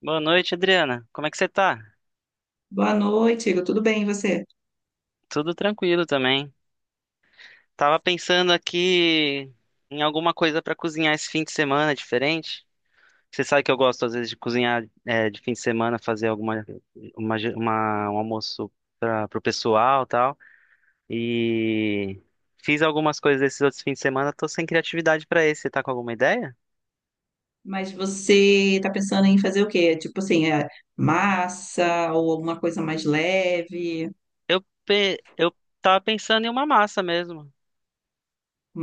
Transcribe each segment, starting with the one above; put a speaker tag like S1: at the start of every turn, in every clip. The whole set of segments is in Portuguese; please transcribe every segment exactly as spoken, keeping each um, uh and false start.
S1: Boa noite, Adriana. Como é que você tá?
S2: Boa noite, Igor. Tudo bem, e você?
S1: Tudo tranquilo também. Tava pensando aqui em alguma coisa pra cozinhar esse fim de semana diferente. Você sabe que eu gosto às vezes de cozinhar é, de fim de semana, fazer alguma uma, ge- uma- um almoço para pro pessoal, e tal. E fiz algumas coisas esses outros fins de semana, tô sem criatividade pra esse. Você tá com alguma ideia?
S2: Mas você tá pensando em fazer o quê? Tipo assim, é massa ou alguma coisa mais leve?
S1: Eu pe- eu tava pensando em uma massa mesmo.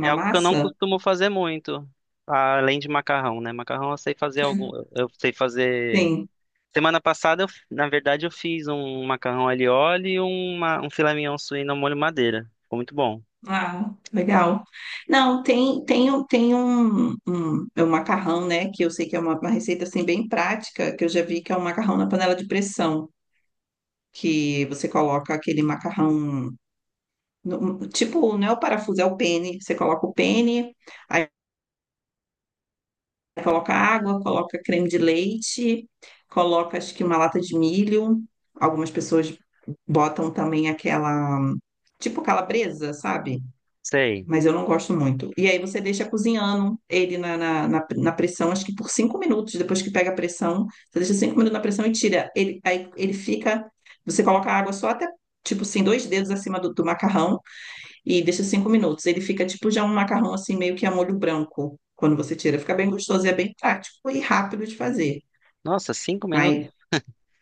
S1: É algo que eu não
S2: massa?
S1: costumo fazer muito, além de macarrão, né? Macarrão eu sei fazer algum, eu sei fazer.
S2: Sim.
S1: Semana passada, eu, f- na verdade, eu fiz um macarrão alho e óleo e uma, um filé mignon suíno ao molho madeira. Ficou muito bom.
S2: Ah, legal. Não, tem, tem, um- tem um, um, é um macarrão, né? Que eu sei que é uma, uma receita assim bem prática, que eu já vi que é um macarrão na panela de pressão, que você coloca aquele macarrão, no- tipo, não é o parafuso, é o pene. Você coloca o pene. Coloca água, coloca creme de leite, coloca acho que uma lata de milho. Algumas pessoas botam também aquela, tipo calabresa, sabe?
S1: Sei.
S2: Mas eu não gosto muito. E aí você deixa cozinhando ele na, na, na, na pressão, acho que por cinco minutos. Depois que pega a pressão, você deixa cinco minutos na pressão e tira. Ele, aí ele fica. Você coloca a água só até, tipo assim, dois dedos acima do, do macarrão e deixa cinco minutos. Ele fica tipo já um macarrão assim, meio que a molho branco, quando você tira. Fica bem gostoso e é bem prático e rápido de fazer.
S1: Nossa, cinco minutos
S2: Mas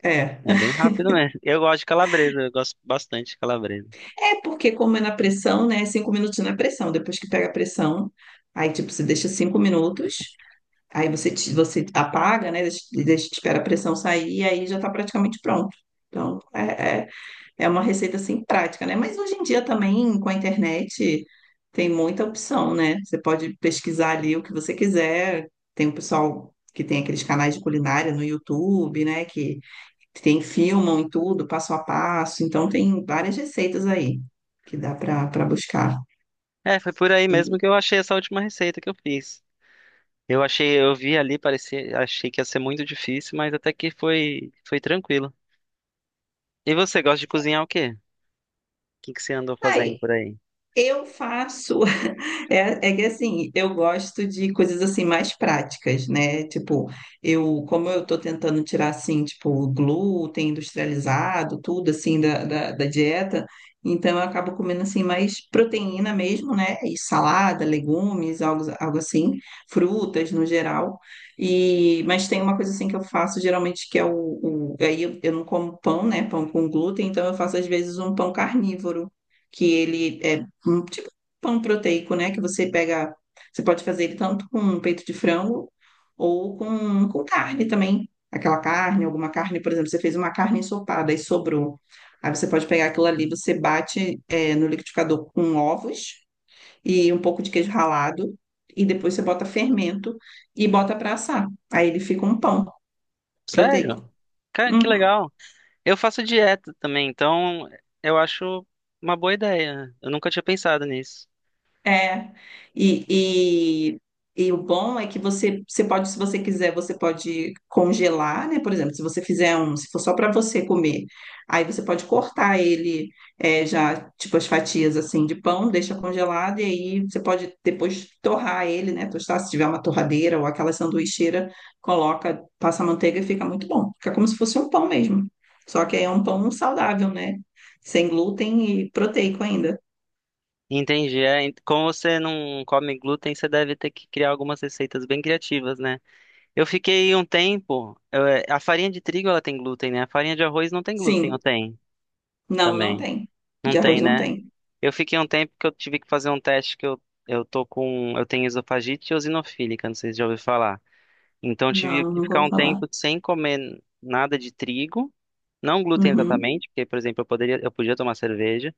S2: é.
S1: é bem rápido mesmo. Eu gosto de calabresa, eu gosto bastante de calabresa.
S2: É porque, como é na pressão, né? Cinco minutos na pressão. Depois que pega a pressão, aí tipo, você deixa cinco minutos. Aí você, te- você apaga, né? Deixa, deixa, espera a pressão sair e aí já tá praticamente pronto. Então, é, é é uma receita assim prática, né? Mas hoje em dia também com a internet tem muita opção, né? Você pode pesquisar ali o que você quiser. Tem o pessoal que tem aqueles canais de culinária no YouTube, né? Que tem filmam e tudo, passo a passo. Então tem várias receitas aí que dá para para buscar.
S1: É, foi por aí mesmo
S2: Entendi.
S1: que eu achei essa última receita que eu fiz. Eu achei, eu vi ali, parecia, achei que ia ser muito difícil, mas até que foi, foi tranquilo. E você gosta de cozinhar o quê? O que que você andou fazendo
S2: Aí
S1: por aí?
S2: eu faço, é, é que assim, eu gosto de coisas assim mais práticas, né? Tipo, eu, como eu tô tentando tirar assim, tipo, o glúten industrializado, tudo assim da, da, da dieta, então eu acabo comendo assim mais proteína mesmo, né? E salada, legumes, algo, algo assim, frutas no geral. E, mas tem uma coisa assim que eu faço geralmente que é o, o aí eu, eu não como pão, né? Pão com glúten, então eu faço às vezes um pão carnívoro que ele é Hum, tipo pão proteico, né? Que você pega. Você pode fazer ele tanto com peito de frango ou com, com carne também. Aquela carne, alguma carne, por exemplo, você fez uma carne ensopada e sobrou. Aí você pode pegar aquilo ali, você bate, é, no liquidificador com ovos e um pouco de queijo ralado. E depois você bota fermento e bota para assar. Aí ele fica um pão
S1: Sério?
S2: proteico.
S1: Cara, que
S2: Uhum.
S1: legal. Eu faço dieta também, então eu acho uma boa ideia. Eu nunca tinha pensado nisso.
S2: É, e, e, e o bom é que você, você pode, se você quiser, você pode congelar, né? Por exemplo, se você fizer um, se for só para você comer, aí você pode cortar ele, é, já, tipo, as fatias assim de pão, deixa congelado, e aí você pode depois torrar ele, né? Tostar, se tiver uma torradeira ou aquela sanduicheira, coloca, passa manteiga e fica muito bom. Fica como se fosse um pão mesmo. Só que aí é um pão saudável, né? Sem glúten e proteico ainda.
S1: Entendi. É, ent- como você não come glúten, você deve ter que criar algumas receitas bem criativas, né? Eu fiquei um tempo. Eu, é, a farinha de trigo ela tem glúten, né? A farinha de arroz não tem glúten, ou
S2: Sim.
S1: tem
S2: Não, não
S1: também?
S2: tem.
S1: Não
S2: De arroz
S1: tem,
S2: não
S1: né?
S2: tem.
S1: Eu fiquei um tempo que eu tive que fazer um teste que eu, eu tô com. Eu tenho esofagite eosinofílica, não sei se já ouviu falar. Então eu tive
S2: Não,
S1: que
S2: nunca
S1: ficar
S2: ouvi
S1: um
S2: falar.
S1: tempo sem comer nada de trigo, não glúten
S2: Uhum,
S1: exatamente, porque, por exemplo, eu poderia, eu podia tomar cerveja,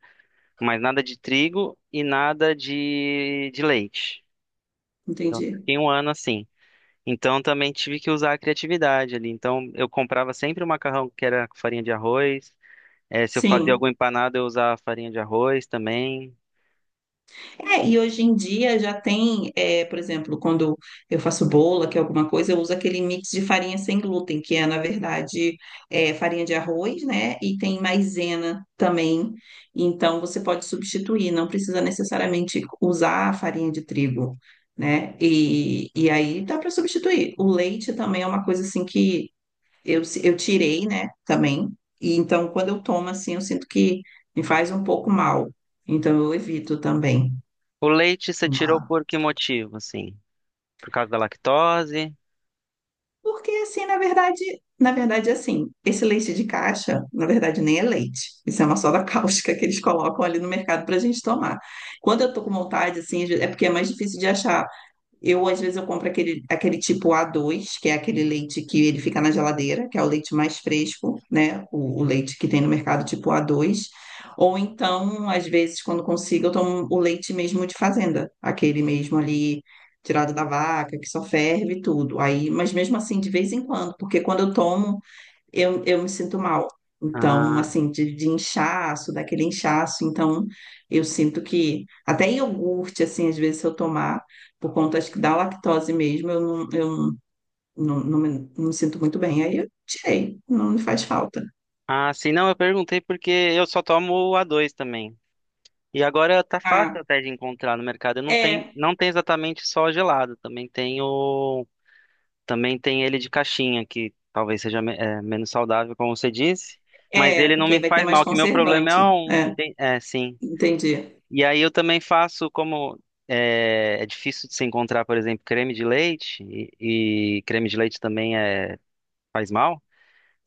S1: mas nada de trigo e nada de, de leite. Então
S2: entendi.
S1: fiquei um ano assim. Então também tive que usar a criatividade ali. Então eu comprava sempre o macarrão que era com farinha de arroz. Eh, se eu fazia
S2: Sim.
S1: algum empanado, eu usava farinha de arroz também.
S2: É, e hoje em dia já tem, é, por exemplo, quando eu faço bola, que é alguma coisa, eu uso aquele mix de farinha sem glúten, que é, na verdade, é, farinha de arroz, né? E tem maisena também. Então, você pode substituir, não precisa necessariamente usar a farinha de trigo, né? E, e aí dá para substituir. O leite também é uma coisa assim que Eu, se- eu tirei, né, também. E então, quando eu tomo assim, eu sinto que me faz um pouco mal. Então, eu evito também
S1: O leite você tirou
S2: tomar.
S1: por que motivo, assim? Por causa da lactose?
S2: Porque assim, na verdade, na verdade, assim, esse leite de caixa, na verdade, nem é leite. Isso é uma soda cáustica que eles colocam ali no mercado para a gente tomar. Quando eu tô com vontade, assim, é porque é mais difícil de achar. Eu, às vezes, eu compro aquele, aquele tipo A dois, que é aquele leite que ele fica na geladeira, que é o leite mais fresco, né? O, o leite que tem no mercado tipo A dois. Ou então, às vezes, quando consigo, eu tomo o leite mesmo de fazenda, aquele mesmo ali tirado da vaca, que só ferve e tudo. Aí, mas mesmo assim, de vez em quando, porque quando eu tomo, eu, eu me sinto mal. Então,
S1: Ah,
S2: assim, de, de inchaço, daquele inchaço. Então, eu sinto que até iogurte, assim, às vezes, se eu tomar, por conta, acho que da lactose mesmo, eu não, eu não, não, me, não me sinto muito bem. Aí eu tirei, não me faz falta.
S1: Ah, sim, não, eu perguntei porque eu só tomo o a dois também. E agora tá fácil
S2: Ah,
S1: até de encontrar no mercado. Não tem,
S2: é,
S1: não tem exatamente só gelado, também tem o, também tem ele de caixinha, que talvez seja me- é, menos saudável, como você disse, mas
S2: é,
S1: ele não
S2: porque aí
S1: me
S2: vai ter
S1: faz
S2: mais
S1: mal, que meu problema é
S2: conservante.
S1: um,
S2: É,
S1: enten- é, sim.
S2: entendi.
S1: E aí eu também faço como é, é difícil de se encontrar, por exemplo, creme de leite e, e creme de leite também é faz mal.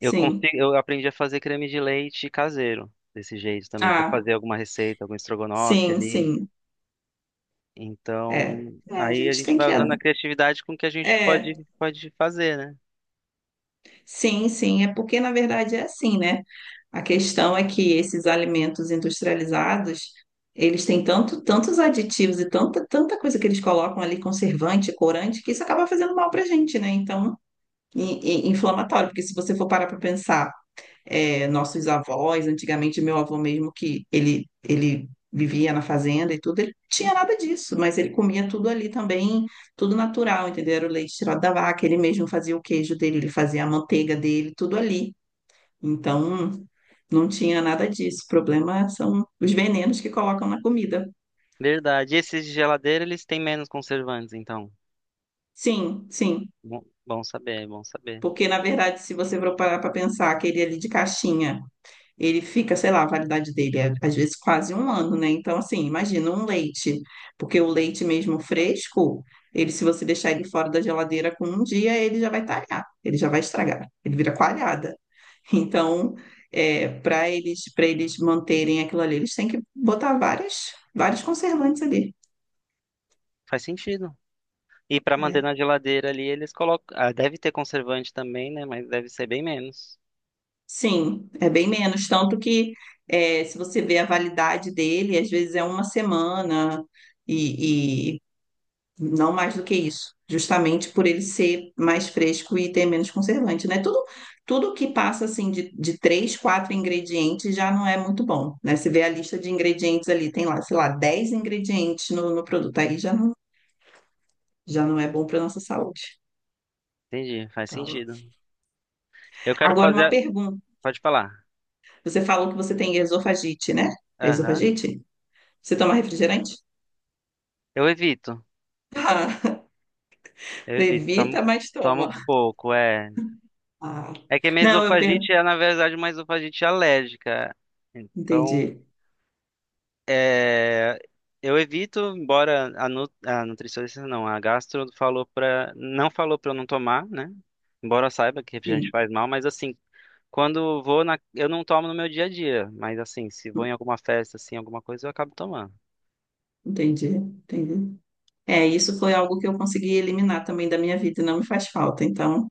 S1: Eu consigo, eu aprendi a fazer creme de leite caseiro, desse jeito também, para
S2: Ah,
S1: fazer alguma receita, algum estrogonofe
S2: sim,
S1: ali.
S2: sim. É.
S1: Então,
S2: É, a
S1: aí a
S2: gente
S1: gente
S2: tem
S1: vai
S2: que.
S1: usando a criatividade com o que a gente
S2: É,
S1: pode, pode fazer, né?
S2: sim, sim, é porque na verdade é assim, né? A questão é que esses alimentos industrializados, eles têm tanto, tantos aditivos e tanta, tanta coisa que eles colocam ali, conservante, corante, que isso acaba fazendo mal para a gente, né? Então, e, e inflamatório, porque se você for parar para pensar é, nossos avós, antigamente meu avô mesmo que ele ele vivia na fazenda e tudo, ele não tinha nada disso, mas ele comia tudo ali também, tudo natural, entendeu? Era o leite tirado da vaca, ele mesmo fazia o queijo dele, ele fazia a manteiga dele, tudo ali. Então, não tinha nada disso. O problema são os venenos que colocam na comida.
S1: Verdade. E esses de geladeira, eles têm menos conservantes, então.
S2: Sim, sim.
S1: Bom, bom saber, bom saber.
S2: Porque, na verdade, se você for parar para pensar, aquele ali de caixinha, ele fica, sei lá, a validade dele é às vezes quase um ano, né? Então, assim, imagina um leite, porque o leite mesmo fresco, ele, se você deixar ele fora da geladeira com um dia, ele já vai talhar, ele já vai estragar, ele vira coalhada. Então, é, para eles, para eles manterem aquilo ali, eles têm que botar várias, vários conservantes ali.
S1: Faz sentido. E para manter
S2: É.
S1: na geladeira ali, eles colocam. Ah, deve ter conservante também, né? Mas deve ser bem menos.
S2: Sim, é bem menos, tanto que é, se você vê a validade dele, às vezes é uma semana e, não mais do que isso, justamente por ele ser mais fresco e ter menos conservante, né? Tudo, tudo que passa assim de, de três, quatro ingredientes já não é muito bom, né? Você vê a lista de ingredientes ali, tem lá, sei lá, dez ingredientes no, no produto, aí já não, já não é bom para nossa saúde.
S1: Entendi, faz
S2: Então,
S1: sentido. Eu quero
S2: agora
S1: fazer.
S2: uma
S1: a-
S2: pergunta.
S1: Pode falar.
S2: Você falou que você tem esofagite, né? É
S1: Aham.
S2: esofagite? Você toma refrigerante?
S1: Eu evito.
S2: Ah,
S1: Evito, tomo,
S2: evita, mas
S1: tomo
S2: toma.
S1: pouco, é.
S2: Ah,
S1: É que a minha
S2: não, eu per...
S1: esofagite é, na verdade, uma esofagite alérgica.
S2: entendi.
S1: Então, é, eu evito, embora a, nu, a nutricionista, não, a gastro falou pra, não falou pra eu não tomar, né? Embora eu saiba que refrigerante
S2: Sim,
S1: faz mal, mas assim, quando vou na, eu não tomo no meu dia a dia, mas assim, se vou em alguma festa, assim, alguma coisa, eu acabo tomando.
S2: entendi, entendi. É, isso foi algo que eu consegui eliminar também da minha vida e não me faz falta, então,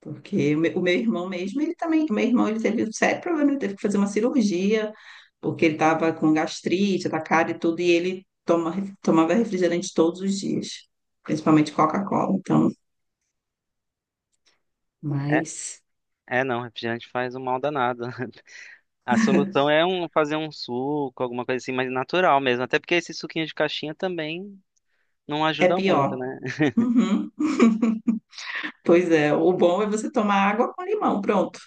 S2: porque o meu, o meu irmão mesmo, ele também, o meu irmão, ele teve um sério problema, ele teve que fazer uma cirurgia, porque ele estava com gastrite da cara e tudo, e ele toma, tomava refrigerante todos os dias, principalmente Coca-Cola, então,
S1: É,
S2: mas
S1: é não, refrigerante faz um mal danado. A solução é um, fazer um suco, alguma coisa assim mais natural mesmo. Até porque esse suquinho de caixinha também não
S2: é
S1: ajuda muito,
S2: pior.
S1: né?
S2: Uhum. Pois é, o bom é você tomar água com limão, pronto.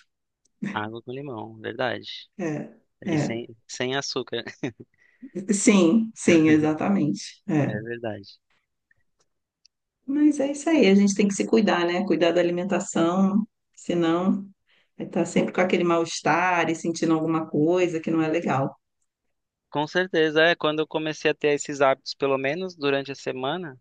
S1: Água com limão, verdade.
S2: É,
S1: E sem,
S2: é.
S1: sem açúcar,
S2: Sim, sim, exatamente.
S1: é
S2: É.
S1: verdade.
S2: Mas é isso aí, a gente tem que se cuidar, né? Cuidar da alimentação, senão vai estar sempre com aquele mal-estar e sentindo alguma coisa que não é legal.
S1: Com certeza, é. Quando eu comecei a ter esses hábitos, pelo menos durante a semana,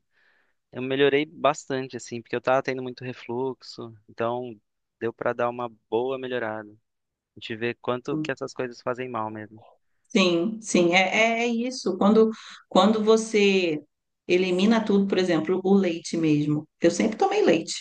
S1: eu melhorei bastante, assim, porque eu tava tendo muito refluxo. Então, deu pra dar uma boa melhorada. A gente vê quanto que essas coisas fazem mal mesmo.
S2: Sim, sim, é, é isso. Quando, quando você elimina tudo, por exemplo, o leite mesmo. Eu sempre tomei leite.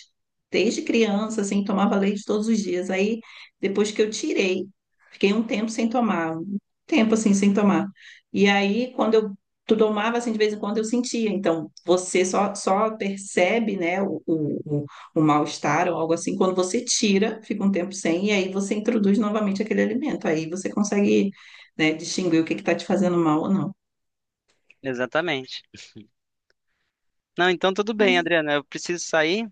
S2: Desde criança, assim, tomava leite todos os dias. Aí, depois que eu tirei, fiquei um tempo sem tomar, um tempo assim, sem tomar. E aí, quando eu tu tomava, assim, de vez em quando eu sentia. Então, você só, só percebe, né, o, o, o o mal-estar ou algo assim, quando você tira, fica um tempo sem, e aí você introduz novamente aquele alimento. Aí você consegue, né? Distinguir o que que tá te fazendo mal ou não.
S1: Exatamente. Não, então tudo
S2: Mas
S1: bem, Adriana. Eu preciso sair.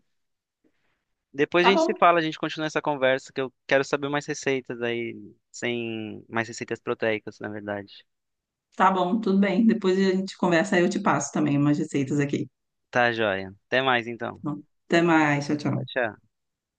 S1: Depois a
S2: tá
S1: gente se
S2: bom,
S1: fala, a gente continua essa conversa, que eu quero saber mais receitas aí, sem mais receitas proteicas, na verdade.
S2: tá bom, tudo bem. Depois a gente conversa, aí eu te passo também umas receitas aqui.
S1: Tá, joia. Até mais
S2: Tá
S1: então.
S2: bom? Até mais, tchau,
S1: Tchau,
S2: tchau.
S1: tchau.